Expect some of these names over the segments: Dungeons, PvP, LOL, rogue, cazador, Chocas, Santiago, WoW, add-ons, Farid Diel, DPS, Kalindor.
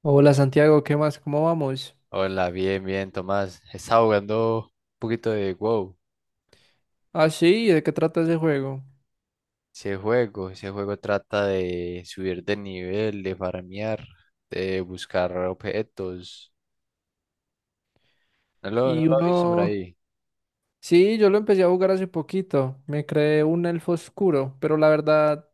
Hola Santiago, ¿qué más? ¿Cómo vamos? Hola, bien, bien, Tomás. Estaba jugando un poquito de WoW. Ah, sí, ¿de qué trata ese juego? Ese juego trata de subir de nivel, de farmear, de buscar objetos. No lo, no Y lo he visto por uno... ahí. Sí, yo lo empecé a jugar hace poquito. Me creé un elfo oscuro, pero la verdad,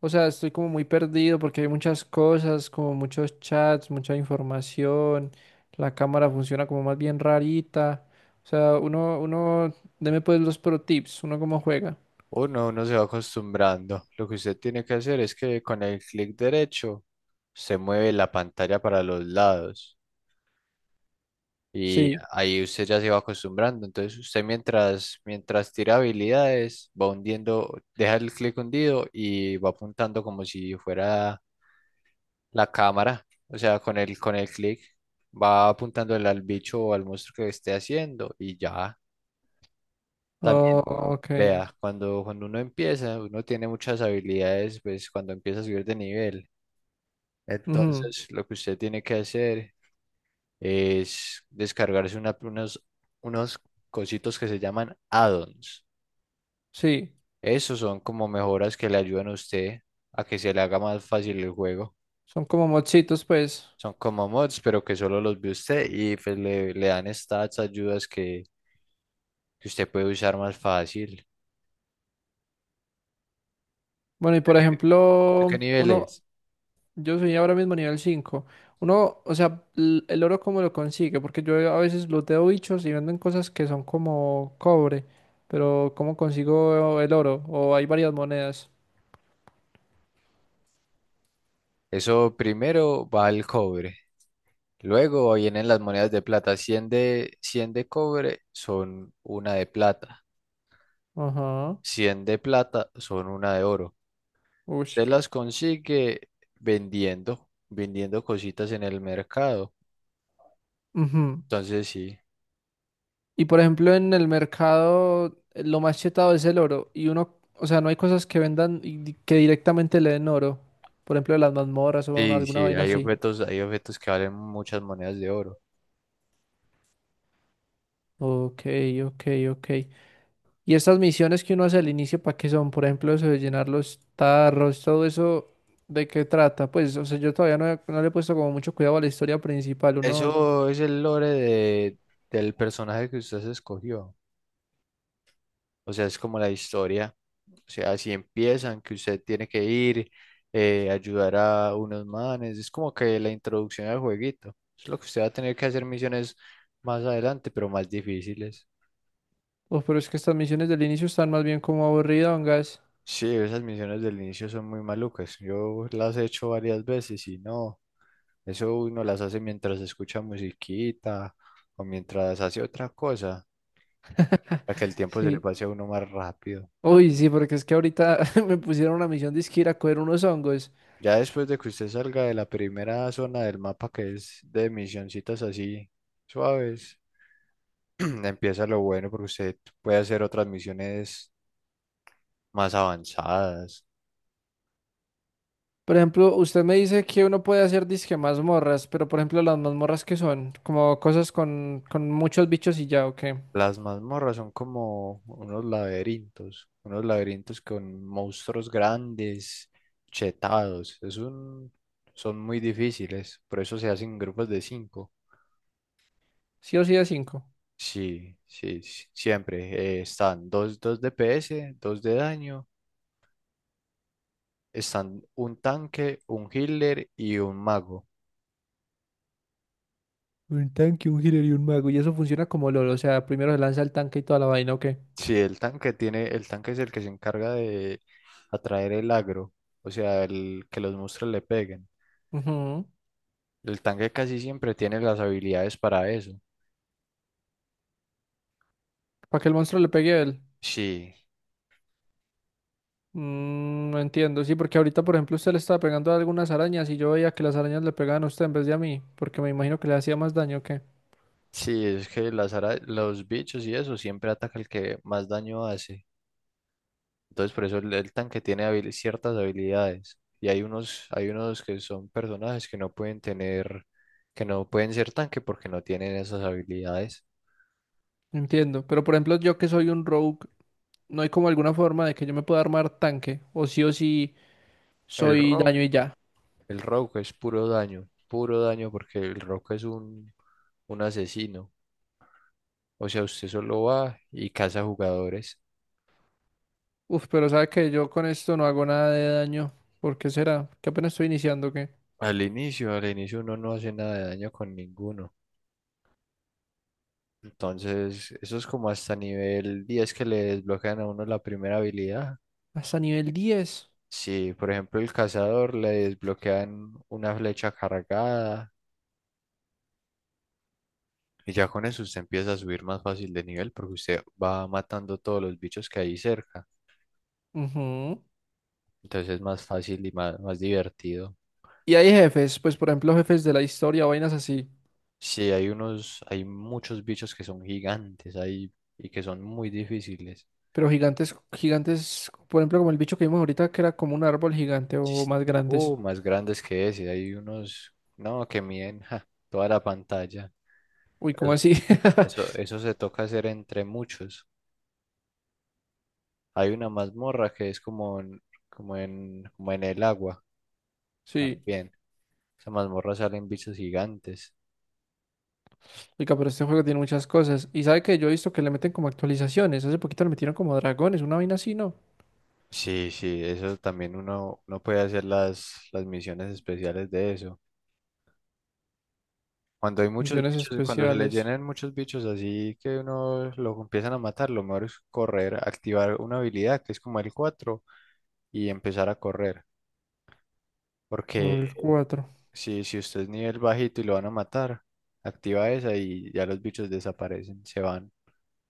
o sea, estoy como muy perdido porque hay muchas cosas, como muchos chats, mucha información. La cámara funciona como más bien rarita. O sea, uno, deme pues los pro tips, uno cómo juega. Uno se va acostumbrando. Lo que usted tiene que hacer es que con el clic derecho se mueve la pantalla para los lados. Y Sí. ahí usted ya se va acostumbrando. Entonces usted mientras tira habilidades, va hundiendo, deja el clic hundido y va apuntando como si fuera la cámara. O sea, con el clic va apuntando al bicho o al monstruo que esté haciendo y ya Oh, también. ok. Vea, cuando uno empieza, uno tiene muchas habilidades, pues cuando empieza a subir de nivel. Ujú, Entonces lo que usted tiene que hacer es descargarse unos cositos que se llaman add-ons. sí, Esos son como mejoras que le ayudan a usted a que se le haga más fácil el juego. son como mochitos, pues. Son como mods, pero que solo los ve usted y pues le dan stats, ayudas que usted puede usar más fácil. Bueno, y por ¿Qué ejemplo, uno, niveles? yo soy ahora mismo nivel 5. Uno, o sea, el oro cómo lo consigue, porque yo a veces looteo bichos y venden cosas que son como cobre, pero ¿cómo consigo el oro? ¿O hay varias monedas? Eso primero va al cobre. Luego vienen las monedas de plata. Cien de cobre son una de plata. Ajá. 100 de plata son una de oro. Ush. Usted las consigue vendiendo cositas en el mercado. Ujú. Entonces sí, Y por ejemplo, en el mercado lo más chetado es el oro. Y uno, o sea, no hay cosas que vendan y que directamente le den oro. Por ejemplo, las mazmorras o sí, alguna sí, vaina hay así. objetos, hay objetos que valen muchas monedas de oro. Ok, ok, ok. Y estas misiones que uno hace al inicio, ¿para qué son? Por ejemplo, eso de llenar los tarros, todo eso, ¿de qué trata? Pues, o sea, yo todavía no le he puesto como mucho cuidado a la historia principal, uno... Eso es el lore del personaje que usted se escogió. O sea, es como la historia. O sea, así empiezan, que usted tiene que ir, ayudar a unos manes. Es como que la introducción al jueguito. Es lo que usted va a tener que hacer misiones más adelante, pero más difíciles. Oh, pero es que estas misiones del inicio están más bien como aburridongas. Sí, esas misiones del inicio son muy malucas. Yo las he hecho varias veces y no, eso uno las hace mientras escucha musiquita o mientras hace otra cosa, para que el tiempo se le Sí. pase a uno más rápido. Uy, sí, porque es que ahorita me pusieron una misión de ir a coger unos hongos. Ya después de que usted salga de la primera zona del mapa, que es de misioncitas así suaves, empieza lo bueno porque usted puede hacer otras misiones más avanzadas. Por ejemplo, usted me dice que uno puede hacer disque mazmorras, pero por ejemplo, las mazmorras que son, como cosas con muchos bichos y ya, ¿o qué? Las mazmorras son como unos laberintos con monstruos grandes, chetados. Son muy difíciles, por eso se hacen grupos de cinco. Sí o sí de cinco. Sí, sí, sí, siempre están dos DPS, dos de daño, están un tanque, un healer y un mago. Un tanque, un healer y un mago. Y eso funciona como LOL. O sea, primero se lanza el tanque y toda la vaina, ¿o qué? Sí, el tanque es el que se encarga de atraer el agro, o sea, el que los monstruos le peguen. Para El tanque casi siempre tiene las habilidades para eso. que el monstruo le pegue a él. Sí, Mm, no entiendo. Sí, porque ahorita, por ejemplo, usted le estaba pegando a algunas arañas y yo veía que las arañas le pegaban a usted en vez de a mí. Porque me imagino que le hacía más daño, ¿o qué? sí, es que los bichos y eso siempre ataca el que más daño hace. Entonces, por eso el tanque tiene ciertas habilidades. Y hay unos que son personajes que no pueden ser tanque porque no tienen esas habilidades. Entiendo. Pero, por ejemplo, yo que soy un rogue, no hay como alguna forma de que yo me pueda armar tanque. O sí El soy daño rogue, y ya. el rogue es puro daño porque el rogue es un asesino. O sea, usted solo va y caza jugadores. Uf, pero sabe que yo con esto no hago nada de daño. ¿Por qué será? Que apenas estoy iniciando, ¿o qué? Al inicio uno no hace nada de daño con ninguno. Entonces, eso es como hasta nivel 10 que le desbloquean a uno la primera habilidad. Hasta nivel 10. Si, por ejemplo, el cazador le desbloquean una flecha cargada y ya con eso usted empieza a subir más fácil de nivel porque usted va matando todos los bichos que hay cerca. Ujú. Entonces es más fácil y más, más divertido. Y hay jefes, pues por ejemplo jefes de la historia, vainas así, Sí, hay muchos bichos que son gigantes ahí y que son muy difíciles. pero gigantes, gigantes, por ejemplo como el bicho que vimos ahorita que era como un árbol gigante o más grandes. Más grandes que ese. Hay unos, no, que miden ja, toda la pantalla. Uy, Pero ¿cómo así? Eso, eso se toca hacer entre muchos. Hay una mazmorra que es como en el agua Sí, también. Esa mazmorra salen bichos gigantes. oiga, pero este juego tiene muchas cosas. Y sabe que yo he visto que le meten como actualizaciones, hace poquito le metieron como dragones, una vaina así, ¿no? Sí, sí, eso también uno puede hacer las misiones especiales de eso. Cuando hay muchos Misiones bichos, cuando se le especiales, llenen muchos bichos así que uno lo empiezan a matar, lo mejor es correr, activar una habilidad que es como el 4 y empezar a correr. Porque nivel 4. si usted es nivel bajito y lo van a matar, activa esa y ya los bichos desaparecen, se van.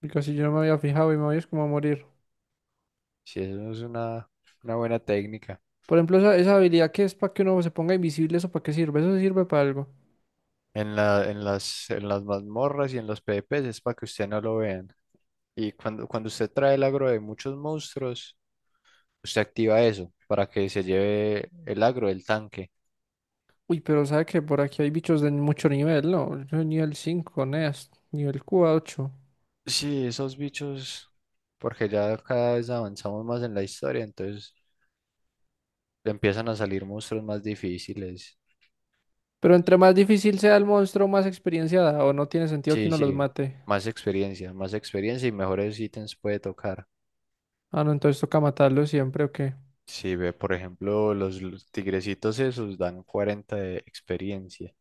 Y casi yo no me había fijado y me voy es como a morir. Si eso es una buena técnica. Por ejemplo, esa habilidad que es para que uno se ponga invisible, ¿eso para qué sirve? ¿Eso sirve para algo? En las mazmorras y en los PvPs es para que usted no lo vean. Y cuando usted trae el agro de muchos monstruos, usted activa eso para que se lleve el agro del tanque. Uy, pero sabe que por aquí hay bichos de mucho nivel, ¿no? Yo soy nivel 5, Neas, nivel 8. Sí, esos bichos, porque ya cada vez avanzamos más en la historia, entonces empiezan a salir monstruos más difíciles. Pero entre más difícil sea el monstruo, más experiencia da, o no tiene sentido que Sí, uno los sí, mate. Más experiencia y mejores ítems puede tocar. Ah, no, entonces toca matarlo siempre, ¿o qué? Si ve, por ejemplo, los tigrecitos esos dan 40 de experiencia.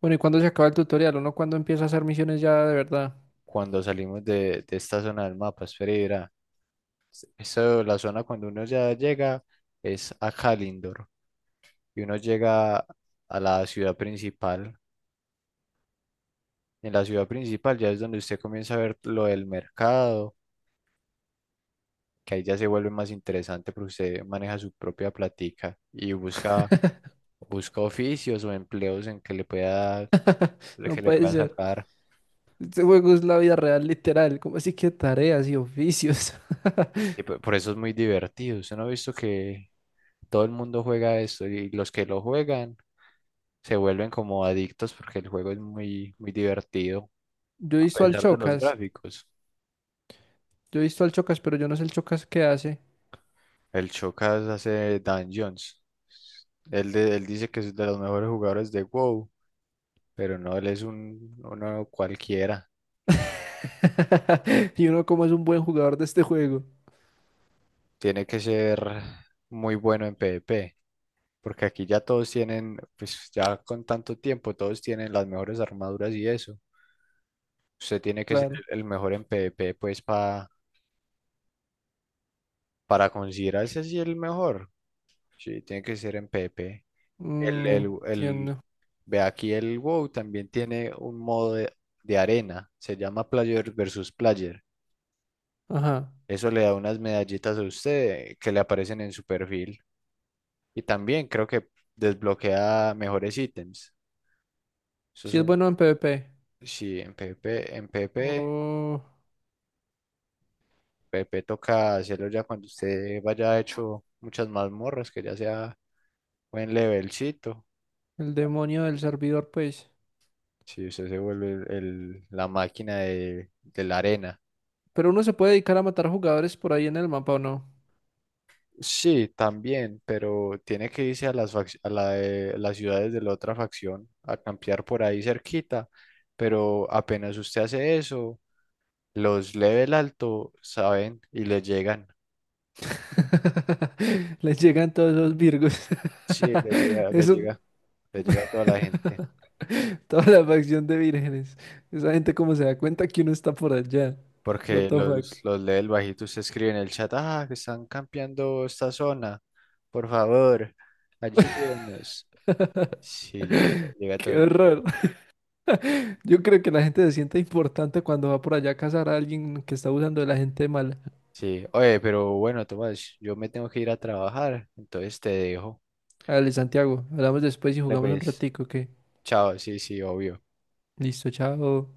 Bueno, ¿y cuándo se acaba el tutorial? ¿Uno cuándo empieza a hacer misiones ya de verdad? Cuando salimos de esta zona del mapa, espera y verá. Eso, la zona cuando uno ya llega es a Kalindor y uno llega a la ciudad principal. En la ciudad principal ya es donde usted comienza a ver lo del mercado, que ahí ya se vuelve más interesante porque usted maneja su propia platica y busca oficios o empleos en No que le puede pueda ser. sacar. Este juego es la vida real, literal. ¿Cómo así que tareas y oficios? Y por eso es muy divertido. Usted no ha visto que todo el mundo juega esto y los que lo juegan se vuelven como adictos porque el juego es muy, muy divertido, Yo he a visto al pesar de los Chocas. gráficos. Yo he visto al Chocas, pero yo no sé el Chocas qué hace. El Chocas hace Dungeons. Él, él dice que es de los mejores jugadores de WoW, pero no, él es uno cualquiera. Y uno como es un buen jugador de este juego. Tiene que ser muy bueno en PvP. Porque aquí ya todos tienen, pues ya con tanto tiempo, todos tienen las mejores armaduras y eso. Usted tiene que ser Claro. el mejor en PvP, pues para considerarse así el mejor. Sí, tiene que ser en PvP. El, Mm, el, el- entiendo. Ve aquí el WoW también tiene un modo de arena, se llama Player versus Player. Ajá. Eso le da unas medallitas a usted que le aparecen en su perfil. Y también creo que desbloquea mejores ítems. Eso es Si es un, bueno en PvP. sí, en PvP, en PvP. Oh, Pepe toca hacerlo ya cuando usted vaya hecho muchas mazmorras, que ya sea buen levelcito. el demonio del servidor, pues. Si usted se vuelve la máquina de la arena. Pero uno se puede dedicar a matar jugadores por ahí en el mapa, ¿o no? Sí, también, pero tiene que irse a las ciudades de la otra facción a campear por ahí cerquita. Pero apenas usted hace eso, los level alto saben y les llegan. Les llegan todos los virgos. Sí, les llega, les Eso, llega, les llega a toda la gente. toda la facción de vírgenes. ¿Esa gente como se da cuenta que uno está por allá? What Porque the fuck. los lee el bajito, usted escribe en el chat, ah, que están campeando esta zona, por favor, ayúdenos. Sí, llega, llega todo Qué el mundo. horror. Yo creo que la gente se siente importante cuando va por allá a cazar a alguien que está usando de la gente mala. Sí, oye, pero bueno, Tomás, yo me tengo que ir a trabajar, entonces te dejo. Dale, Santiago, hablamos después y Dale, jugamos un pues, ratico, que chao, sí, sí, obvio. listo, chao.